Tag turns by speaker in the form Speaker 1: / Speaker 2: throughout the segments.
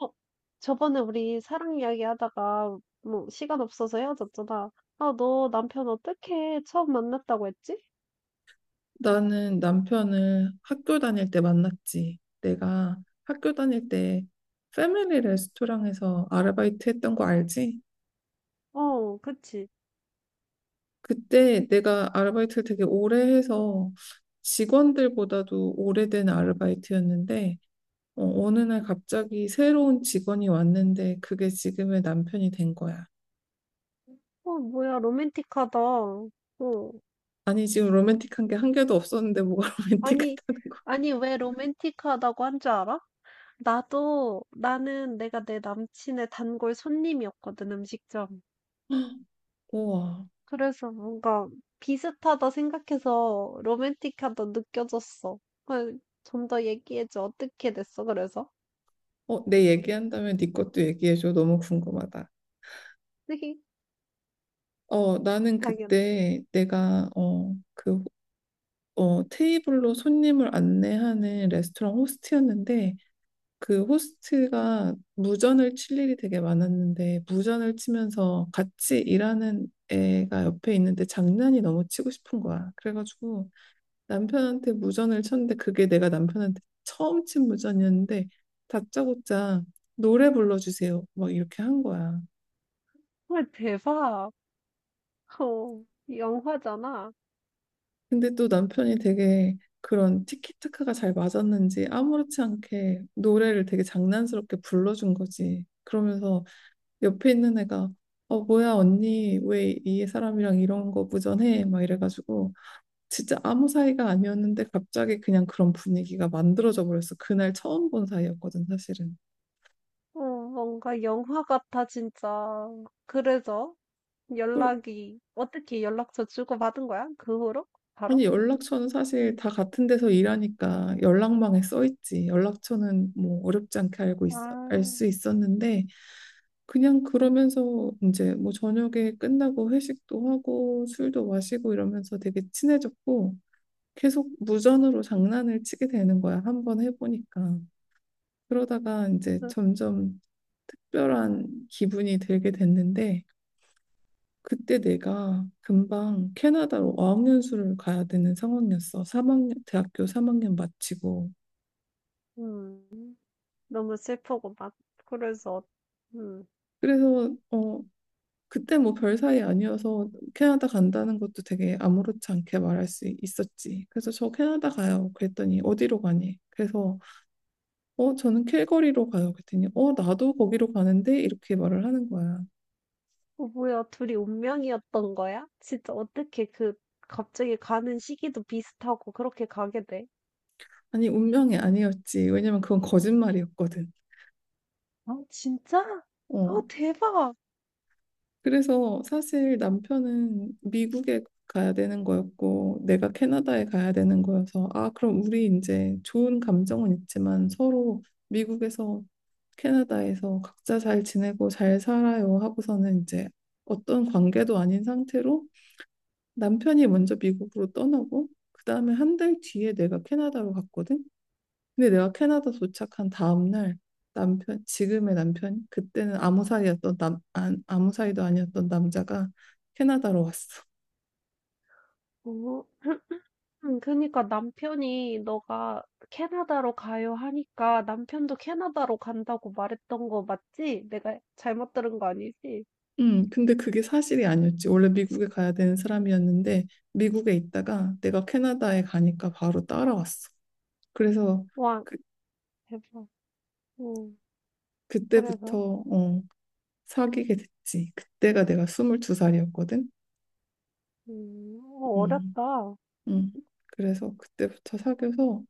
Speaker 1: 어 저번에 우리 사랑 이야기 하다가 뭐 시간 없어서 헤어졌잖아. 아, 너 남편 어떻게 처음 만났다고 했지?
Speaker 2: 나는 남편을 학교 다닐 때 만났지. 내가 학교 다닐 때 패밀리 레스토랑에서 아르바이트 했던 거 알지?
Speaker 1: 어, 그치.
Speaker 2: 그때 내가 아르바이트를 되게 오래 해서 직원들보다도 오래된 아르바이트였는데 어느 날 갑자기 새로운 직원이 왔는데 그게 지금의 남편이 된 거야.
Speaker 1: 어, 뭐야, 로맨틱하다. 어.
Speaker 2: 아니 지금 로맨틱한 게 한 개도 없었는데 뭐가
Speaker 1: 아니,
Speaker 2: 로맨틱하다는 거야.
Speaker 1: 아니, 왜 로맨틱하다고 한 줄 알아? 나는 내가 내 남친의 단골 손님이었거든, 음식점.
Speaker 2: 우와.
Speaker 1: 그래서 뭔가 비슷하다 생각해서 로맨틱하다 느껴졌어. 좀 더 얘기해줘. 어떻게 됐어, 그래서?
Speaker 2: 내 얘기한다면 네 것도 얘기해줘. 너무 궁금하다. 나는
Speaker 1: 당연히.
Speaker 2: 그때 내가 테이블로 손님을 안내하는 레스토랑 호스트였는데 그 호스트가 무전을 칠 일이 되게 많았는데 무전을 치면서 같이 일하는 애가 옆에 있는데 장난이 너무 치고 싶은 거야. 그래가지고 남편한테 무전을 쳤는데 그게 내가 남편한테 처음 친 무전이었는데 다짜고짜 노래 불러주세요. 막 이렇게 한 거야.
Speaker 1: 헐 대박. 어, 영화잖아.
Speaker 2: 근데 또 남편이 되게 그런 티키타카가 잘 맞았는지 아무렇지 않게 노래를 되게 장난스럽게 불러준 거지. 그러면서 옆에 있는 애가 어 뭐야 언니 왜 이 사람이랑 이런 거 무전해? 막 이래가지고 진짜 아무 사이가 아니었는데 갑자기 그냥 그런 분위기가 만들어져 버렸어. 그날 처음 본 사이였거든 사실은.
Speaker 1: 뭔가 영화 같아, 진짜. 그래서 연락이, 어떻게 연락처 주고받은 거야? 그 후로?
Speaker 2: 아니
Speaker 1: 바로?
Speaker 2: 연락처는 사실 다 같은 데서 일하니까 연락망에 써 있지. 연락처는 뭐 어렵지 않게 알고 있어 알
Speaker 1: 아,
Speaker 2: 수 있었는데 그냥 그러면서 이제 뭐 저녁에 끝나고 회식도 하고 술도 마시고 이러면서 되게 친해졌고 계속 무전으로 장난을 치게 되는 거야. 한 번 해보니까. 그러다가 이제
Speaker 1: 그,
Speaker 2: 점점 특별한 기분이 들게 됐는데 그때 내가 금방 캐나다로 어학연수를 가야 되는 상황이었어. 3학년, 대학교 3학년 마치고.
Speaker 1: 음, 너무 슬프고 막, 그래서, 음,
Speaker 2: 그래서 그때 뭐 별 사이 아니어서 캐나다 간다는 것도 되게 아무렇지 않게 말할 수 있었지. 그래서 저 캐나다 가요. 그랬더니 어디로 가니? 그래서 어 저는 캘거리로 가요. 그랬더니 어 나도 거기로 가는데 이렇게 말을 하는 거야.
Speaker 1: 뭐야, 둘이 운명이었던 거야? 진짜 어떻게 갑자기 가는 시기도 비슷하고 그렇게 가게 돼?
Speaker 2: 아니 운명이 아니었지. 왜냐면 그건 거짓말이었거든.
Speaker 1: 아, 진짜? 아,
Speaker 2: 어
Speaker 1: 대박.
Speaker 2: 그래서 사실 남편은 미국에 가야 되는 거였고 내가 캐나다에 가야 되는 거여서 아 그럼 우리 이제 좋은 감정은 있지만 서로 미국에서 캐나다에서 각자 잘 지내고 잘 살아요 하고서는 이제 어떤 관계도 아닌 상태로 남편이 먼저 미국으로 떠나고 그다음에 한 달 뒤에 내가 캐나다로 갔거든. 근데 내가 캐나다 도착한 다음날 남편, 지금의 남편, 그때는 아무 사이였던 남, 안, 아무 사이도 아니었던 남자가 캐나다로 왔어.
Speaker 1: 어, 그니까 남편이 "너가 캐나다로 가요." 하니까 남편도 "캐나다로 간다."고 말했던 거 맞지? 내가 잘못 들은 거 아니지?
Speaker 2: 근데 그게 사실이 아니었지. 원래 미국에 가야 되는 사람이었는데 미국에 있다가 내가 캐나다에 가니까 바로 따라왔어. 그래서
Speaker 1: 와
Speaker 2: 그,
Speaker 1: 대박. 음 그래서
Speaker 2: 그때부터 어, 사귀게 됐지. 그때가 내가 22살이었거든. 음,
Speaker 1: 어렵다.
Speaker 2: 음. 그래서 그때부터 사귀어서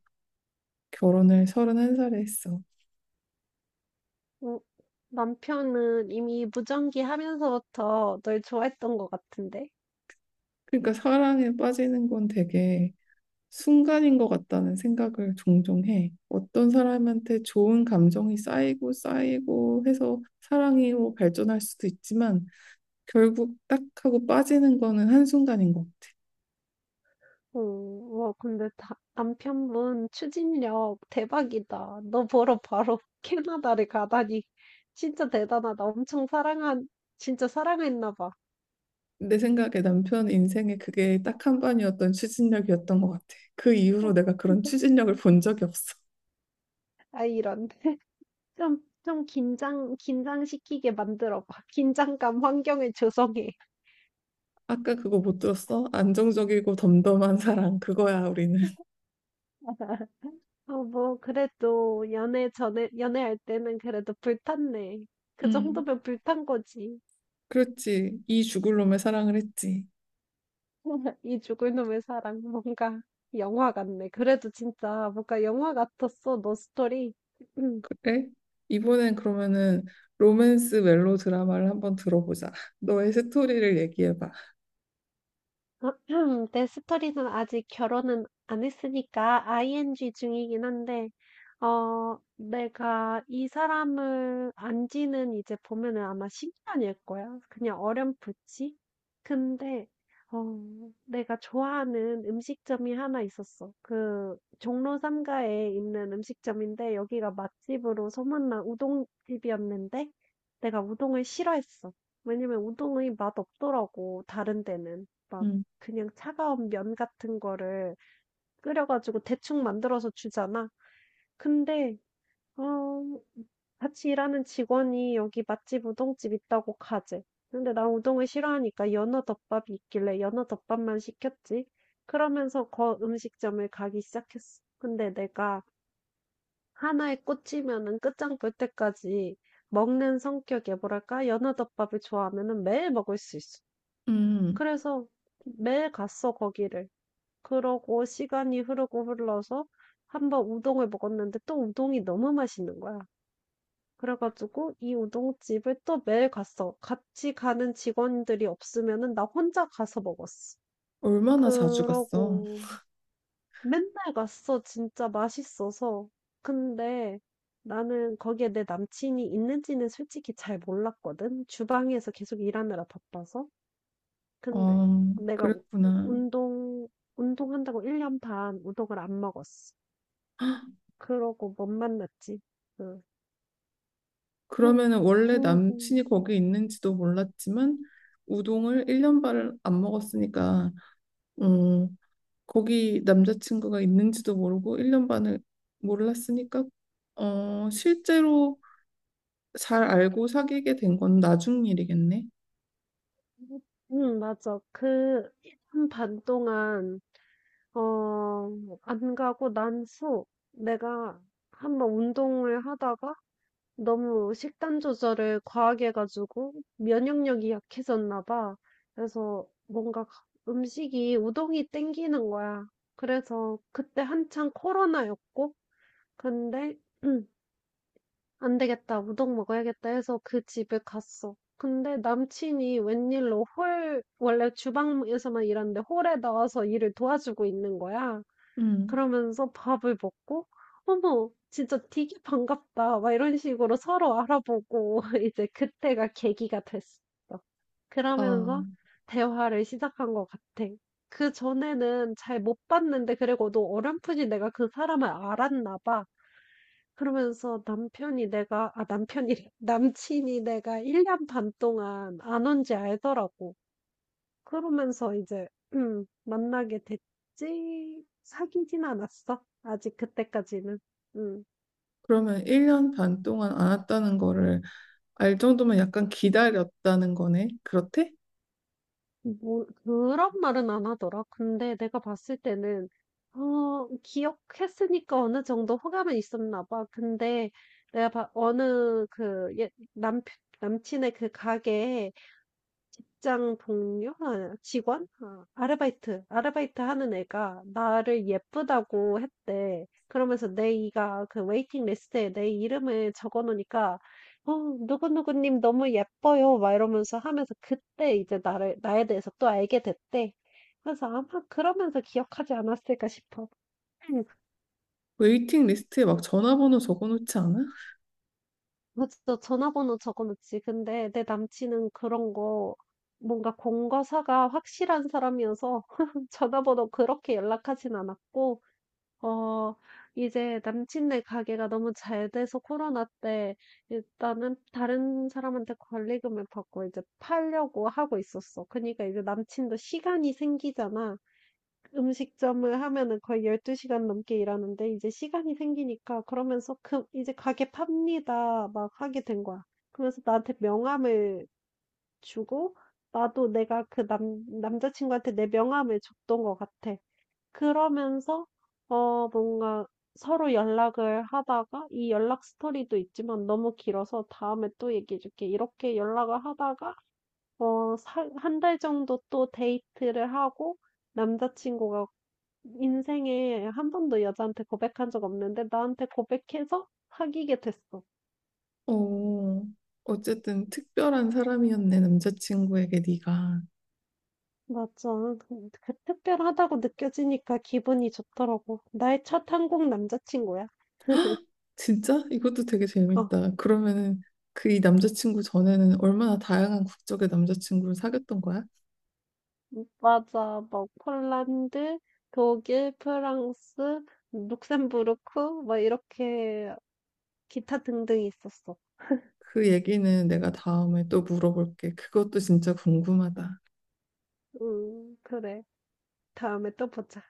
Speaker 2: 결혼을 31살에 했어.
Speaker 1: 음 남편은 이미 무전기 하면서부터 널 좋아했던 것 같은데?
Speaker 2: 그러니까 사랑에 빠지는 건 되게 순간인 것 같다는 생각을 종종 해. 어떤 사람한테 좋은 감정이 쌓이고 쌓이고 해서 사랑으로 발전할 수도 있지만 결국 딱 하고 빠지는 거는 한순간인 것 같아.
Speaker 1: 오, 와, 근데 남편분 추진력 대박이다. 너 보러 바로 캐나다를 가다니. 진짜 대단하다. 진짜 사랑했나 봐.
Speaker 2: 내 생각에 남편 인생에 그게 딱 한 번이었던 추진력이었던 것 같아. 그 이후로 내가 그런 추진력을 본 적이 없어.
Speaker 1: 아, 이런. 좀, 긴장시키게 만들어 봐. 긴장감 환경을 조성해.
Speaker 2: 아까 그거 못 들었어? 안정적이고 덤덤한 사랑, 그거야, 우리는.
Speaker 1: 뭐, 그래도 연애할 때는 그래도 불탔네. 그
Speaker 2: 음,
Speaker 1: 정도면 불탄 거지.
Speaker 2: 그렇지. 이 죽을 놈의 사랑을 했지.
Speaker 1: 이 죽을 놈의 사랑 뭔가 영화 같네. 그래도 진짜 뭔가 영화 같았어. 너 스토리.
Speaker 2: 그래? 이번엔 그러면은 로맨스 멜로 드라마를 한번 들어보자. 너의 스토리를 얘기해봐.
Speaker 1: 내 스토리는 아직 결혼은 안 했으니까 ing 중이긴 한데, 내가 이 사람을 안 지는 이제 보면은 아마 10년일 거야. 그냥 어렴풋이. 근데, 어, 내가 좋아하는 음식점이 하나 있었어. 종로 삼가에 있는 음식점인데, 여기가 맛집으로 소문난 우동집이었는데, 내가 우동을 싫어했어. 왜냐면 우동의 맛 없더라고, 다른 데는. 막
Speaker 2: 음,
Speaker 1: 그냥 차가운 면 같은 거를 끓여 가지고 대충 만들어서 주잖아. 근데 어 같이 일하는 직원이 "여기 맛집 우동집 있다고 가재." 근데 난 우동을 싫어하니까 연어덮밥이 있길래 연어덮밥만 시켰지. 그러면서 거 음식점을 가기 시작했어. 근데 내가 하나에 꽂히면은 끝장 볼 때까지 먹는 성격에 뭐랄까? 연어덮밥을 좋아하면은 매일 먹을 수 있어.
Speaker 2: 음,
Speaker 1: 그래서 매일 갔어 거기를. 그러고 시간이 흐르고 흘러서 한번 우동을 먹었는데 또 우동이 너무 맛있는 거야. 그래 가지고 이 우동집을 또 매일 갔어. 같이 가는 직원들이 없으면은 나 혼자 가서 먹었어.
Speaker 2: 얼마나 자주 갔어?
Speaker 1: 그러고 맨날 갔어 진짜 맛있어서. 근데 나는 거기에 내 남친이 있는지는 솔직히 잘 몰랐거든. 주방에서 계속 일하느라 바빠서. 근데
Speaker 2: 어,
Speaker 1: 내가 우
Speaker 2: 그랬구나.
Speaker 1: 운동 운동한다고 1년 반 우동을 안 먹었어. 그러고 못 만났지. 응. 응.
Speaker 2: 그러면은 원래
Speaker 1: 근
Speaker 2: 남친이 거기 있는지도 몰랐지만 우동을 1년 반을 안 먹었으니까 어, 거기 남자친구가 있는지도 모르고 1년 반을 몰랐으니까 실제로 잘 알고 사귀게 된 건 나중 일이겠네.
Speaker 1: 응, 맞아. 한 반 동안, 어, 안 가고 난 후, 내가 한번 운동을 하다가 너무 식단 조절을 과하게 해가지고 면역력이 약해졌나 봐. 그래서 뭔가 음식이 우동이 땡기는 거야. 그래서 그때 한창 코로나였고, 근데 '안 되겠다. 우동 먹어야겠다.' 해서 그 집에 갔어. 근데 남친이 웬일로 홀 원래 주방에서만 일하는데 홀에 나와서 일을 도와주고 있는 거야.
Speaker 2: 음.
Speaker 1: 그러면서 밥을 먹고 '어머 진짜 되게 반갑다.' 막 이런 식으로 서로 알아보고 이제 그때가 계기가 됐어. 그러면서
Speaker 2: 아,
Speaker 1: 대화를 시작한 것 같아. 그전에는 잘 못 봤는데 그리고 너 어렴풋이 내가 그 사람을 알았나 봐. 그러면서 남편이 내가, 아, 남편이래. 남친이 내가 1년 반 동안 안 온지 알더라고. 그러면서 이제, 만나게 됐지. 사귀진 않았어. 아직 그때까지는. 음,
Speaker 2: 그러면 1년 반 동안 안 왔다는 거를 알 정도면 약간 기다렸다는 거네. 그렇대?
Speaker 1: 뭐, 그런 말은 안 하더라. 근데 내가 봤을 때는, 기억했으니까 어느 정도 호감은 있었나 봐. 근데 내가 봐, 어느 그, 예, 남편, 남친의 그 가게에 직장 동료? 아 직원? 아 아르바이트 하는 애가 나를 예쁘다고 했대. 그러면서 내 이가 그 웨이팅 리스트에 내 이름을 적어 놓으니까 "어 누구누구 님 너무 예뻐요." 막 이러면서 하면서 그때 이제 나를 나에 대해서 또 알게 됐대. 그래서 아마 그러면서 기억하지 않았을까 싶어.
Speaker 2: 웨이팅 리스트에 막 전화번호 적어놓지 않아?
Speaker 1: 그쵸. 전화번호 적어놓지. 근데 내 남친은 그런 거 뭔가 공과사가 확실한 사람이어서 전화번호 그렇게 연락하진 않았고, 어, 이제 남친네 가게가 너무 잘 돼서 코로나 때 일단은 다른 사람한테 권리금을 받고 이제 팔려고 하고 있었어. 그러니까 이제 남친도 시간이 생기잖아. 음식점을 하면은 거의 12시간 시간 넘게 일하는데 이제 시간이 생기니까 그러면서 "그 이제 가게 팝니다." 막 하게 된 거야. 그러면서 나한테 명함을 주고 나도 내가 그 남 남자친구한테 내 명함을 줬던 것 같아. 그러면서 뭔가 서로 연락을 하다가 이 연락 스토리도 있지만 너무 길어서 "다음에 또 얘기해 줄게." 이렇게 연락을 하다가 어 한 달 정도 또 데이트를 하고 남자친구가 인생에 한 번도 여자한테 고백한 적 없는데 나한테 고백해서 사귀게 됐어.
Speaker 2: 어, 어쨌든 특별한 사람이었네, 남자친구에게 네가.
Speaker 1: 맞아. 그 특별하다고 느껴지니까 기분이 좋더라고. 나의 첫 한국 남자친구야.
Speaker 2: 진짜? 이것도 되게
Speaker 1: 어,
Speaker 2: 재밌다. 그러면은 이 남자친구 전에는 얼마나 다양한 국적의 남자친구를 사귀었던 거야?
Speaker 1: 맞아. 뭐 폴란드, 독일, 프랑스, 룩셈부르크, 뭐 이렇게 기타 등등 있었어.
Speaker 2: 그 얘기는 내가 다음에 또 물어볼게. 그것도 진짜 궁금하다.
Speaker 1: 그래. 다음에 또 보자.